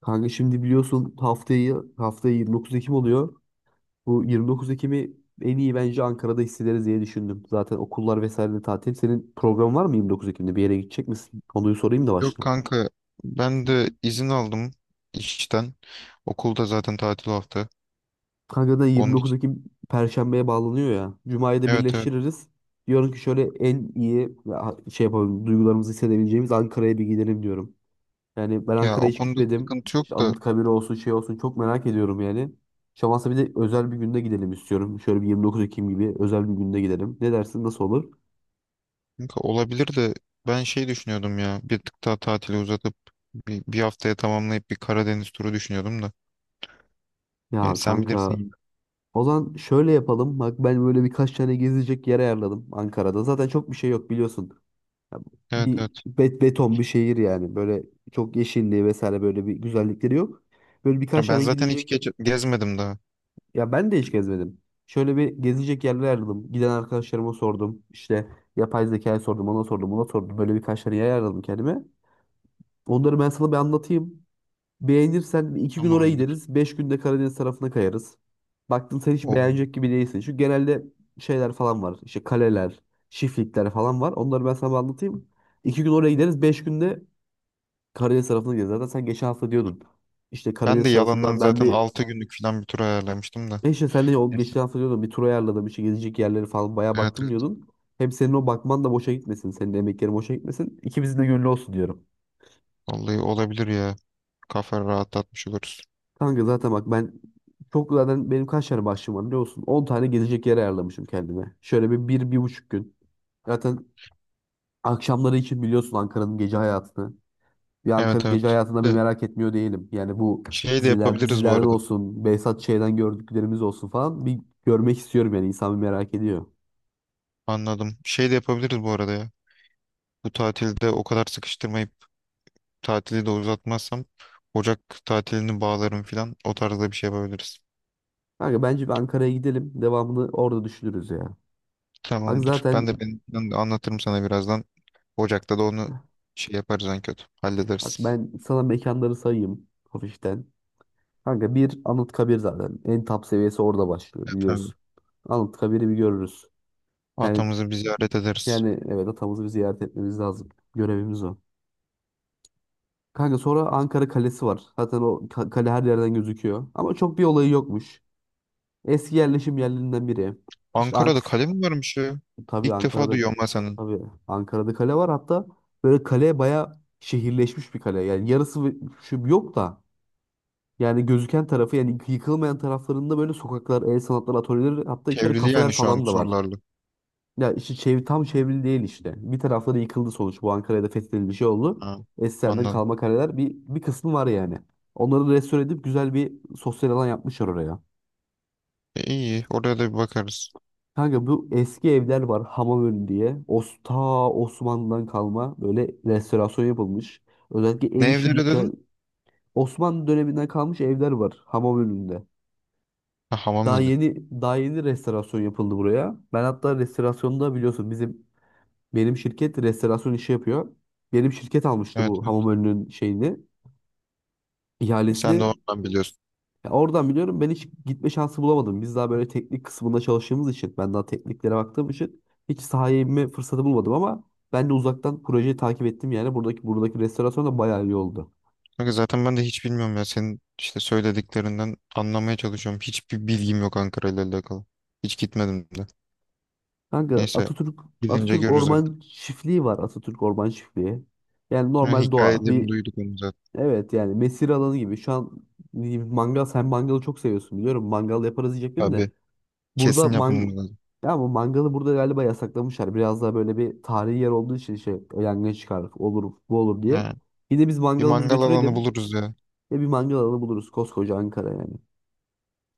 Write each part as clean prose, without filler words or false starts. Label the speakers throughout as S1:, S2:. S1: Kanka şimdi biliyorsun haftayı 29 Ekim oluyor. Bu 29 Ekim'i en iyi bence Ankara'da hissederiz diye düşündüm. Zaten okullar vesaire de tatil. Senin programın var mı 29 Ekim'de? Bir yere gidecek misin? Konuyu sorayım da
S2: Yok
S1: başlayayım.
S2: kanka ben de izin aldım işten. Okulda zaten tatil hafta.
S1: Kanka da
S2: Onun
S1: 29
S2: için
S1: Ekim Perşembe'ye bağlanıyor ya. Cuma'yı da
S2: evet evet.
S1: birleştiririz. Diyorum ki şöyle en iyi ya, şey yapalım duygularımızı hissedebileceğimiz Ankara'ya bir gidelim diyorum. Yani ben
S2: Ya o
S1: Ankara'ya hiç
S2: konuda
S1: gitmedim.
S2: sıkıntı
S1: İşte
S2: yok da
S1: Anıtkabir olsun şey olsun çok merak ediyorum yani. Şamansa bir de özel bir günde gidelim istiyorum. Şöyle bir 29 Ekim gibi özel bir günde gidelim. Ne dersin nasıl olur?
S2: kanka olabilir de ben şey düşünüyordum ya bir tık daha tatili uzatıp bir haftaya tamamlayıp bir Karadeniz turu düşünüyordum da. Yani
S1: Ya
S2: sen bilirsin
S1: kanka
S2: yine.
S1: o zaman şöyle yapalım. Bak ben böyle birkaç tane gezecek yer ayarladım Ankara'da. Zaten çok bir şey yok biliyorsun. Ya
S2: Evet
S1: bir
S2: evet.
S1: beton bir şehir yani. Böyle çok yeşilliği vesaire böyle bir güzellikleri yok. Böyle birkaç
S2: Ya ben
S1: tane
S2: zaten hiç
S1: gidecek.
S2: gezmedim daha.
S1: Ya ben de hiç gezmedim. Şöyle bir gezilecek yerler aradım. Giden arkadaşlarıma sordum. İşte yapay zekaya sordum, ona sordum, ona sordum. Böyle birkaç tane yer aradım kendime. Onları ben sana bir anlatayım. Beğenirsen bir iki gün oraya
S2: Tamamdır.
S1: gideriz. 5 günde Karadeniz tarafına kayarız. Baktın sen hiç
S2: O,
S1: beğenecek gibi değilsin. Çünkü genelde şeyler falan var. İşte kaleler, çiftlikler falan var. Onları ben sana bir anlatayım. 2 gün oraya gideriz. Beş günde Karadeniz tarafına gideriz. Zaten sen geçen hafta diyordun. İşte
S2: Ben de
S1: Karadeniz
S2: yalandan
S1: tarafında ben
S2: zaten
S1: bir.
S2: 6 günlük falan bir tur ayarlamıştım da.
S1: E işte sen de o
S2: Neyse.
S1: geçen hafta diyordun bir tur ayarladım bir şey gezecek yerleri falan bayağı
S2: Evet
S1: baktım
S2: evet.
S1: diyordun. Hem senin o bakman da boşa gitmesin. Senin de emeklerin boşa gitmesin. İkimizin de gönlü olsun diyorum.
S2: Vallahi olabilir ya. Kafa rahatlatmış oluruz.
S1: Kanka zaten bak ben çok zaten benim kaç tane başlığım var biliyor musun? 10 tane gezecek yer ayarlamışım kendime. Şöyle bir buçuk gün. Zaten akşamları için biliyorsun Ankara'nın gece hayatını. Bir
S2: Evet
S1: Ankara'nın gece
S2: evet.
S1: hayatında bir
S2: De,
S1: merak etmiyor değilim. Yani bu
S2: Şey de yapabiliriz bu
S1: dizilerden
S2: arada.
S1: olsun, Behzat Ç'den gördüklerimiz olsun falan bir görmek istiyorum yani insan bir merak ediyor.
S2: Anladım. Şey de yapabiliriz bu arada ya. Bu tatilde o kadar sıkıştırmayıp tatili de uzatmazsam Ocak tatilini bağlarım filan. O tarzda bir şey yapabiliriz.
S1: Kanka bence bir Ankara'ya gidelim. Devamını orada düşünürüz ya. Bak
S2: Tamamdır.
S1: zaten
S2: Ben de benim planı anlatırım sana birazdan. Ocak'ta da onu şey yaparız en kötü.
S1: bak
S2: Hallederiz.
S1: ben sana mekanları sayayım hafiften. Kanka bir Anıtkabir zaten. En top seviyesi orada başlıyor
S2: Evet, tabii.
S1: biliyorsun. Anıtkabir'i bir görürüz. Yani
S2: Atamızı bir ziyaret ederiz.
S1: evet atamızı bir ziyaret etmemiz lazım. Görevimiz o. Kanka sonra Ankara Kalesi var. Zaten o kale her yerden gözüküyor. Ama çok bir olayı yokmuş. Eski yerleşim yerlerinden biri. İşte
S2: Ankara'da
S1: antik
S2: kale mi varmış ya?
S1: Tabii
S2: İlk defa
S1: Ankara'da
S2: duyuyorum ben senin.
S1: tabii Ankara'da kale var hatta böyle kale baya şehirleşmiş bir kale. Yani yarısı şu yok da yani gözüken tarafı yani yıkılmayan taraflarında böyle sokaklar, el sanatları atölyeleri hatta içeri
S2: Çevrili
S1: kafeler
S2: yani şu an
S1: falan da var.
S2: sorularla.
S1: Ya işte tam çevrili değil işte. Bir tarafları yıkıldı sonuç. Bu Ankara'da fethedildi şey oldu.
S2: Ha,
S1: Eskilerden
S2: anladım.
S1: kalma kaleler bir kısmı var yani. Onları restore edip güzel bir sosyal alan yapmışlar oraya.
S2: E, iyi. Oraya da bir bakarız.
S1: Kanka bu eski evler var Hamamön diye. Osmanlı'dan kalma böyle restorasyon yapılmış. Özellikle el
S2: Ne
S1: işi
S2: evleri
S1: dükkan.
S2: dedin?
S1: Osmanlı döneminden kalmış evler var Hamamönü'nde.
S2: Ha, hamam önü.
S1: Daha yeni restorasyon yapıldı buraya. Ben hatta restorasyonda biliyorsun benim şirket restorasyon işi yapıyor. Benim şirket almıştı
S2: Evet
S1: bu
S2: evet.
S1: Hamamönü'nün şeyini,
S2: E, sen de
S1: ihalesini.
S2: oradan biliyorsun.
S1: Ya oradan biliyorum ben hiç gitme şansı bulamadım. Biz daha böyle teknik kısmında çalıştığımız için ben daha tekniklere baktığım için hiç sahaya inme fırsatı bulmadım ama ben de uzaktan projeyi takip ettim yani buradaki restorasyon da bayağı iyi oldu.
S2: Kanka zaten ben de hiç bilmiyorum ya. Senin işte söylediklerinden anlamaya çalışıyorum. Hiçbir bilgim yok Ankara ile alakalı. Hiç gitmedim de.
S1: Kanka
S2: Neyse
S1: Atatürk
S2: gidince
S1: Atatürk
S2: görürüz artık.
S1: Orman Çiftliği var. Atatürk Orman Çiftliği. Yani
S2: Ha,
S1: normal doğa.
S2: hikayelerini
S1: Bir
S2: duyduk onu zaten.
S1: evet yani mesire alanı gibi. Şu an mangal sen mangalı çok seviyorsun biliyorum. Mangal yaparız diyecektim
S2: Tabii.
S1: de. Burada
S2: Kesin yapmamız lazım.
S1: ya bu mangalı burada galiba yasaklamışlar. Biraz daha böyle bir tarihi yer olduğu için şey yangın çıkar olur bu olur diye.
S2: Ha,
S1: Bir biz
S2: bir
S1: mangalımızı
S2: mangal alanı
S1: götürelim.
S2: buluruz ya.
S1: Ya bir mangal alanı buluruz koskoca Ankara yani.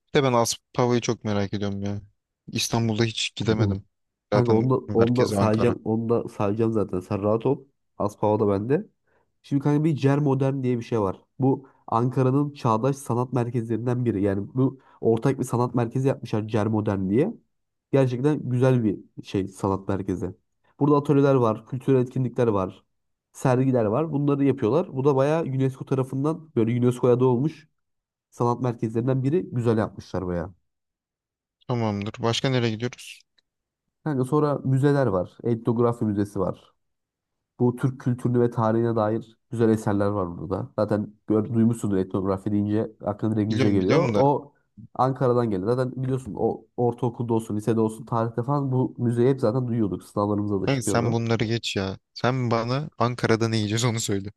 S2: Bir de ben Aspava'yı çok merak ediyorum ya. İstanbul'da hiç gidemedim.
S1: Kanka
S2: Zaten merkezi Ankara.
S1: onu da sayacağım zaten. Sen rahat ol. Az pava da bende. Şimdi kanka bir Cer Modern diye bir şey var. Bu Ankara'nın çağdaş sanat merkezlerinden biri. Yani bu ortak bir sanat merkezi yapmışlar Cer Modern diye. Gerçekten güzel bir şey sanat merkezi. Burada atölyeler var, kültürel etkinlikler var, sergiler var. Bunları yapıyorlar. Bu da bayağı UNESCO tarafından böyle UNESCO'ya da olmuş sanat merkezlerinden biri. Güzel yapmışlar bayağı.
S2: Tamamdır. Başka nereye gidiyoruz?
S1: Kanka sonra müzeler var. Etnografi müzesi var. Bu Türk kültürünü ve tarihine dair güzel eserler var burada. Zaten duymuşsundur etnografi deyince aklına direkt müze
S2: Biliyorum
S1: geliyor.
S2: biliyorum da.
S1: O Ankara'dan geliyor. Zaten biliyorsun o ortaokulda olsun, lisede olsun, tarihte falan bu müzeyi hep zaten duyuyorduk. Sınavlarımızda da
S2: Kanka sen
S1: çıkıyordu.
S2: bunları geç ya. Sen bana Ankara'da ne yiyeceğiz onu söyle.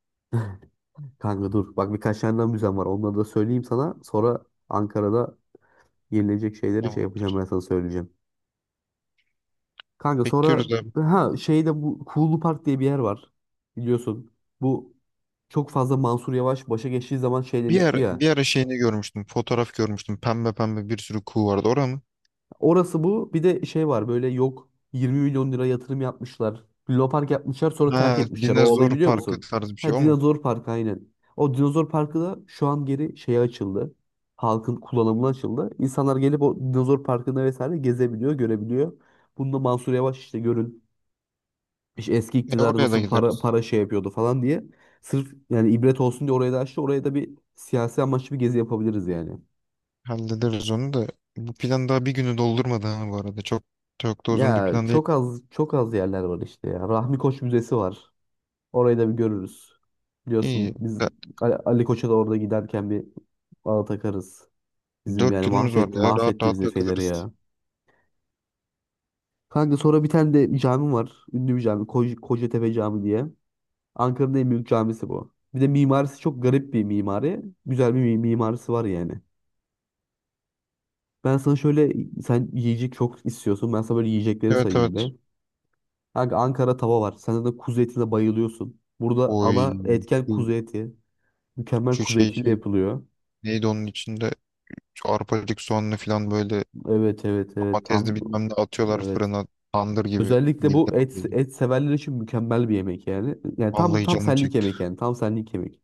S1: Kanka dur. Bak birkaç tane daha müzem var. Onları da söyleyeyim sana. Sonra Ankara'da yenilecek şeyleri şey
S2: Tamam.
S1: yapacağım ben sana söyleyeceğim. Kanka sonra
S2: Bekliyoruz abi.
S1: ha şeyde bu Kuğulu Park diye bir yer var. Biliyorsun. Bu çok fazla Mansur Yavaş başa geçtiği zaman şey
S2: Bir
S1: demişti
S2: ara,
S1: ya.
S2: bir ara şeyini görmüştüm. Fotoğraf görmüştüm. Pembe pembe bir sürü kuğu vardı. Orada mı?
S1: Orası bu. Bir de şey var böyle yok 20 milyon lira yatırım yapmışlar. Lunapark yapmışlar sonra terk
S2: Ha,
S1: etmişler. O olayı
S2: dinozor
S1: biliyor
S2: parkı
S1: musun?
S2: tarzı bir şey
S1: Ha
S2: o mu?
S1: Dinozor Parkı aynen. O Dinozor Parkı da şu an geri şeye açıldı. Halkın kullanımına açıldı. İnsanlar gelip o Dinozor Parkı'nda vesaire gezebiliyor, görebiliyor. Bunda Mansur Yavaş işte görün işte eski
S2: E
S1: iktidar
S2: oraya da
S1: nasıl para
S2: gideriz.
S1: para şey yapıyordu falan diye. Sırf yani ibret olsun diye oraya da açtı. Oraya da bir siyasi amaçlı bir gezi yapabiliriz yani.
S2: Hallederiz onu da. Bu plan daha bir günü doldurmadı ha bu arada. Çok çok da uzun bir
S1: Ya
S2: plan değil.
S1: çok az yerler var işte ya. Rahmi Koç Müzesi var. Orayı da bir görürüz.
S2: İyi.
S1: Biliyorsun biz
S2: Ya,
S1: Ali Koç'a da orada giderken bir bağ takarız. Bizim
S2: Dört
S1: yani
S2: günümüz var
S1: mahvetti
S2: ya. Rahat
S1: mahvetti
S2: rahat
S1: bizi Fener'i
S2: takılırız.
S1: ya. Kanka sonra bir tane de cami var. Ünlü bir cami. Kocatepe Camii diye. Ankara'nın en büyük camisi bu. Bir de mimarisi çok garip bir mimari. Güzel bir mimarisi var yani. Ben sana şöyle sen yiyecek çok istiyorsun. Ben sana böyle yiyecekleri
S2: Evet
S1: sayayım
S2: evet.
S1: be. Kanka Ankara tava var. Sen de kuzu etine bayılıyorsun. Burada ana
S2: Oy.
S1: etken kuzu
S2: Şu,
S1: eti. Mükemmel
S2: şu
S1: kuzu
S2: şey
S1: etiyle
S2: şey.
S1: yapılıyor.
S2: Neydi onun içinde? Şu arpacık soğanlı falan böyle
S1: Evet evet evet
S2: domatesli
S1: tam
S2: bilmem ne atıyorlar
S1: evet.
S2: fırına. Tandır gibi.
S1: Özellikle
S2: Bildim.
S1: bu et
S2: Bildim.
S1: et severler için mükemmel bir yemek yani. Yani tam
S2: Vallahi
S1: tam
S2: canım
S1: senlik
S2: çekti.
S1: yemek yani. Tam senlik yemek.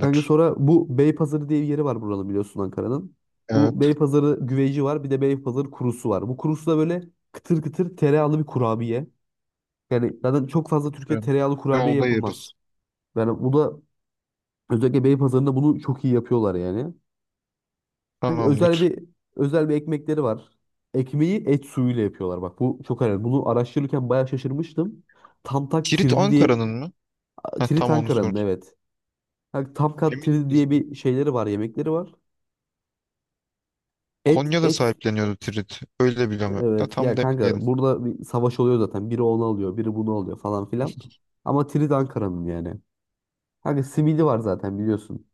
S1: Kanka sonra bu Beypazarı diye bir yeri var buranın biliyorsun Ankara'nın.
S2: Evet.
S1: Bu Beypazarı güveci var. Bir de Beypazarı kurusu var. Bu kurusu da böyle kıtır kıtır tereyağlı bir kurabiye. Yani zaten çok fazla Türkiye
S2: Ben-
S1: tereyağlı kurabiye
S2: Yolda
S1: yapılmaz.
S2: yeriz.
S1: Yani bu da özellikle Beypazarı'nda bunu çok iyi yapıyorlar yani. Sanki
S2: Tamamdır.
S1: özel bir ekmekleri var. Ekmeği et suyuyla yapıyorlar. Bak bu çok önemli. Bunu araştırırken bayağı şaşırmıştım. Tamtak
S2: Tirit
S1: tirdi diye
S2: Ankara'nın mı? Ha,
S1: Tirit
S2: tam onu
S1: Ankara'nın
S2: sor.
S1: evet. Yani Tamkat
S2: Emin
S1: tirdi
S2: miyiz?
S1: diye bir şeyleri var, yemekleri var. Et
S2: Konya'da
S1: et
S2: sahipleniyordu Tirit. Öyle biliyorum. Da
S1: evet ya
S2: tam da
S1: kanka
S2: emin değilim.
S1: burada bir savaş oluyor zaten. Biri onu alıyor, biri bunu alıyor falan filan. Ama Tirit Ankara'nın yani. Kanka simidi var zaten biliyorsun.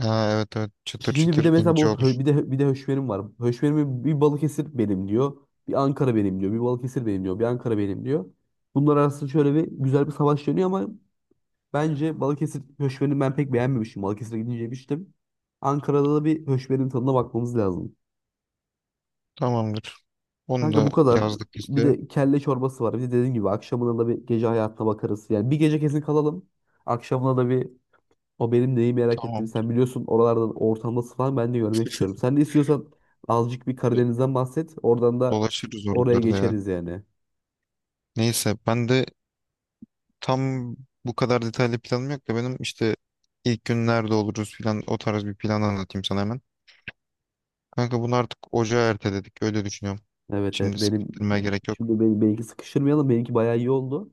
S2: Ha, evet evet. Çıtır
S1: Şimdi bir de
S2: çıtır
S1: mesela
S2: ince
S1: bu
S2: olur.
S1: bir de höşmerim var. Höşmerimi bir Balıkesir benim diyor. Bir Ankara benim diyor. Bir Balıkesir benim diyor. Bir Ankara benim diyor. Bunlar arasında şöyle bir güzel bir savaş dönüyor ama bence Balıkesir höşmerini ben pek beğenmemiştim. Balıkesir'e gidince yemiştim. Ankara'da da bir höşmerin tadına bakmamız lazım.
S2: Tamamdır. Onu
S1: Kanka bu
S2: da
S1: kadar.
S2: yazdık
S1: Bir
S2: listeye.
S1: de kelle çorbası var. Bir de dediğim gibi akşamına da bir gece hayatına bakarız. Yani bir gece kesin kalalım. Akşamına da bir. O benim neyi merak ettiğimi
S2: Tamam.
S1: sen biliyorsun. Oralardan ortam nasıl falan ben de görmek istiyorum. Sen de istiyorsan azıcık bir Karadeniz'den bahset. Oradan da
S2: Dolaşırız
S1: oraya
S2: oralarda ya.
S1: geçeriz yani.
S2: Neyse ben de tam bu kadar detaylı planım yok da benim işte ilk gün nerede oluruz filan o tarz bir plan anlatayım sana hemen. Kanka bunu artık ocağa erteledik. Öyle düşünüyorum.
S1: Evet evet
S2: Şimdi
S1: benim
S2: sıkıştırmaya gerek yok.
S1: benimki sıkıştırmayalım. Benimki bayağı iyi oldu.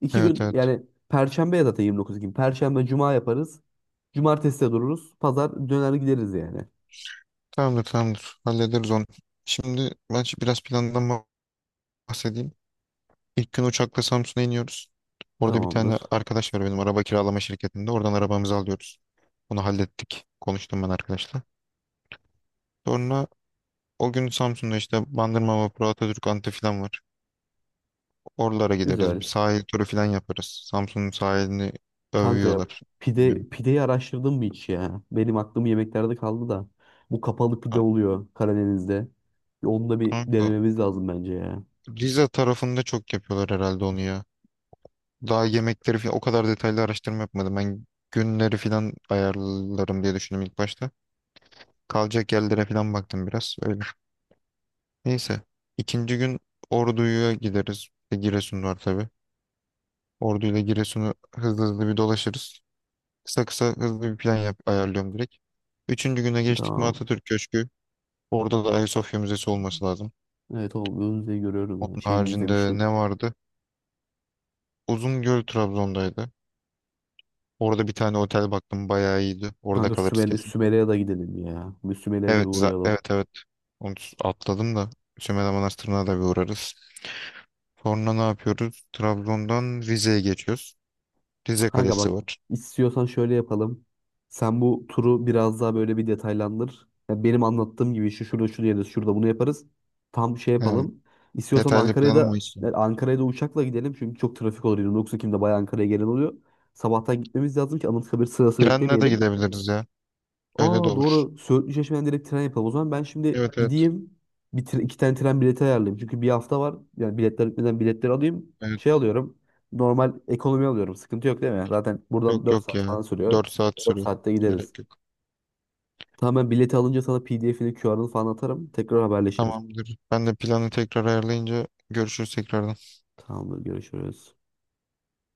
S1: İki
S2: Evet
S1: gün
S2: evet.
S1: yani Perşembe ya zaten 29 gün. Perşembe Cuma yaparız. Cumartesi de dururuz. Pazar döner gideriz yani.
S2: Tamamdır tamamdır. Hallederiz onu. Şimdi ben biraz plandan bahsedeyim. İlk gün uçakla Samsun'a iniyoruz. Orada bir tane
S1: Tamamdır.
S2: arkadaş var benim araba kiralama şirketinde. Oradan arabamızı alıyoruz. Onu hallettik. Konuştum ben arkadaşla. Sonra o gün Samsun'da işte Bandırma Vapuru, Atatürk Anıtı falan var. Oralara gideriz. Bir
S1: Güzel.
S2: sahil turu falan yaparız. Samsun'un sahilini
S1: Kanka
S2: övüyorlar. Bilmiyorum.
S1: pideyi araştırdın mı hiç ya? Benim aklım yemeklerde kaldı da. Bu kapalı pide
S2: Ka-
S1: oluyor Karadeniz'de. Bir onu da bir
S2: Kanka
S1: denememiz lazım bence ya.
S2: Rize tarafında çok yapıyorlar herhalde onu ya. Daha yemekleri falan o kadar detaylı araştırma yapmadım. Ben günleri falan ayarlarım diye düşündüm ilk başta. Kalacak yerlere falan baktım biraz öyle. Neyse. İkinci gün Ordu'ya gideriz. Bir de Giresun var tabii. Ordu ile Giresun'u hızlı hızlı bir dolaşırız. Kısa kısa hızlı bir plan yap, ayarlıyorum direkt. Üçüncü güne geçtik mi
S1: Tamam.
S2: Atatürk Köşkü. Orada da Ayasofya Müzesi olması lazım.
S1: Evet o Önce'yi görüyorum ya.
S2: Onun
S1: Şeyini
S2: haricinde ne
S1: izlemiştim.
S2: vardı? Uzungöl Trabzon'daydı. Orada bir tane otel baktım bayağı iyiydi. Orada
S1: Kanka
S2: kalırız kesin.
S1: Sümele'ye de gidelim ya. Bir Sümele'ye de bir
S2: Evet,
S1: uğrayalım.
S2: evet evet. Onu atladım da Sümela Manastırı'na da bir uğrarız. Sonra ne yapıyoruz? Trabzon'dan Rize'ye geçiyoruz. Rize
S1: Kanka bak
S2: Kalesi var.
S1: istiyorsan şöyle yapalım. Sen bu turu biraz daha böyle bir detaylandır. Ya benim anlattığım gibi şu şurada şu yeriz, şurada bunu yaparız. Tam şey
S2: Yani
S1: yapalım. İstiyorsan
S2: detaylı planım o işte.
S1: Ankara'ya da uçakla gidelim. Çünkü çok trafik olur. 29 Ekim'de bayağı Ankara'ya gelen oluyor. Sabahtan gitmemiz lazım ki Anıtkabir sırası
S2: Trenle de
S1: beklemeyelim.
S2: gidebiliriz ya. Öyle de
S1: Aa
S2: olur.
S1: doğru. Söğütlü Çeşme'den direkt tren yapalım. O zaman ben şimdi
S2: Evet evet.
S1: gideyim. Bir iki tane tren bileti ayarlayayım. Çünkü bir hafta var. Yani biletler bitmeden biletleri alayım. Şey
S2: Evet.
S1: alıyorum. Normal ekonomi alıyorum. Sıkıntı yok değil mi? Zaten
S2: Yok
S1: buradan 4
S2: yok
S1: saat
S2: ya.
S1: falan sürüyor.
S2: 4 saat
S1: dört
S2: sürüyor.
S1: saatte gideriz.
S2: Gerek yok.
S1: Tamam ben bileti alınca sana PDF'ini, QR'ını falan atarım. Tekrar haberleşiriz.
S2: Tamamdır. Ben de planı tekrar ayarlayınca görüşürüz tekrardan.
S1: Tamamdır görüşürüz.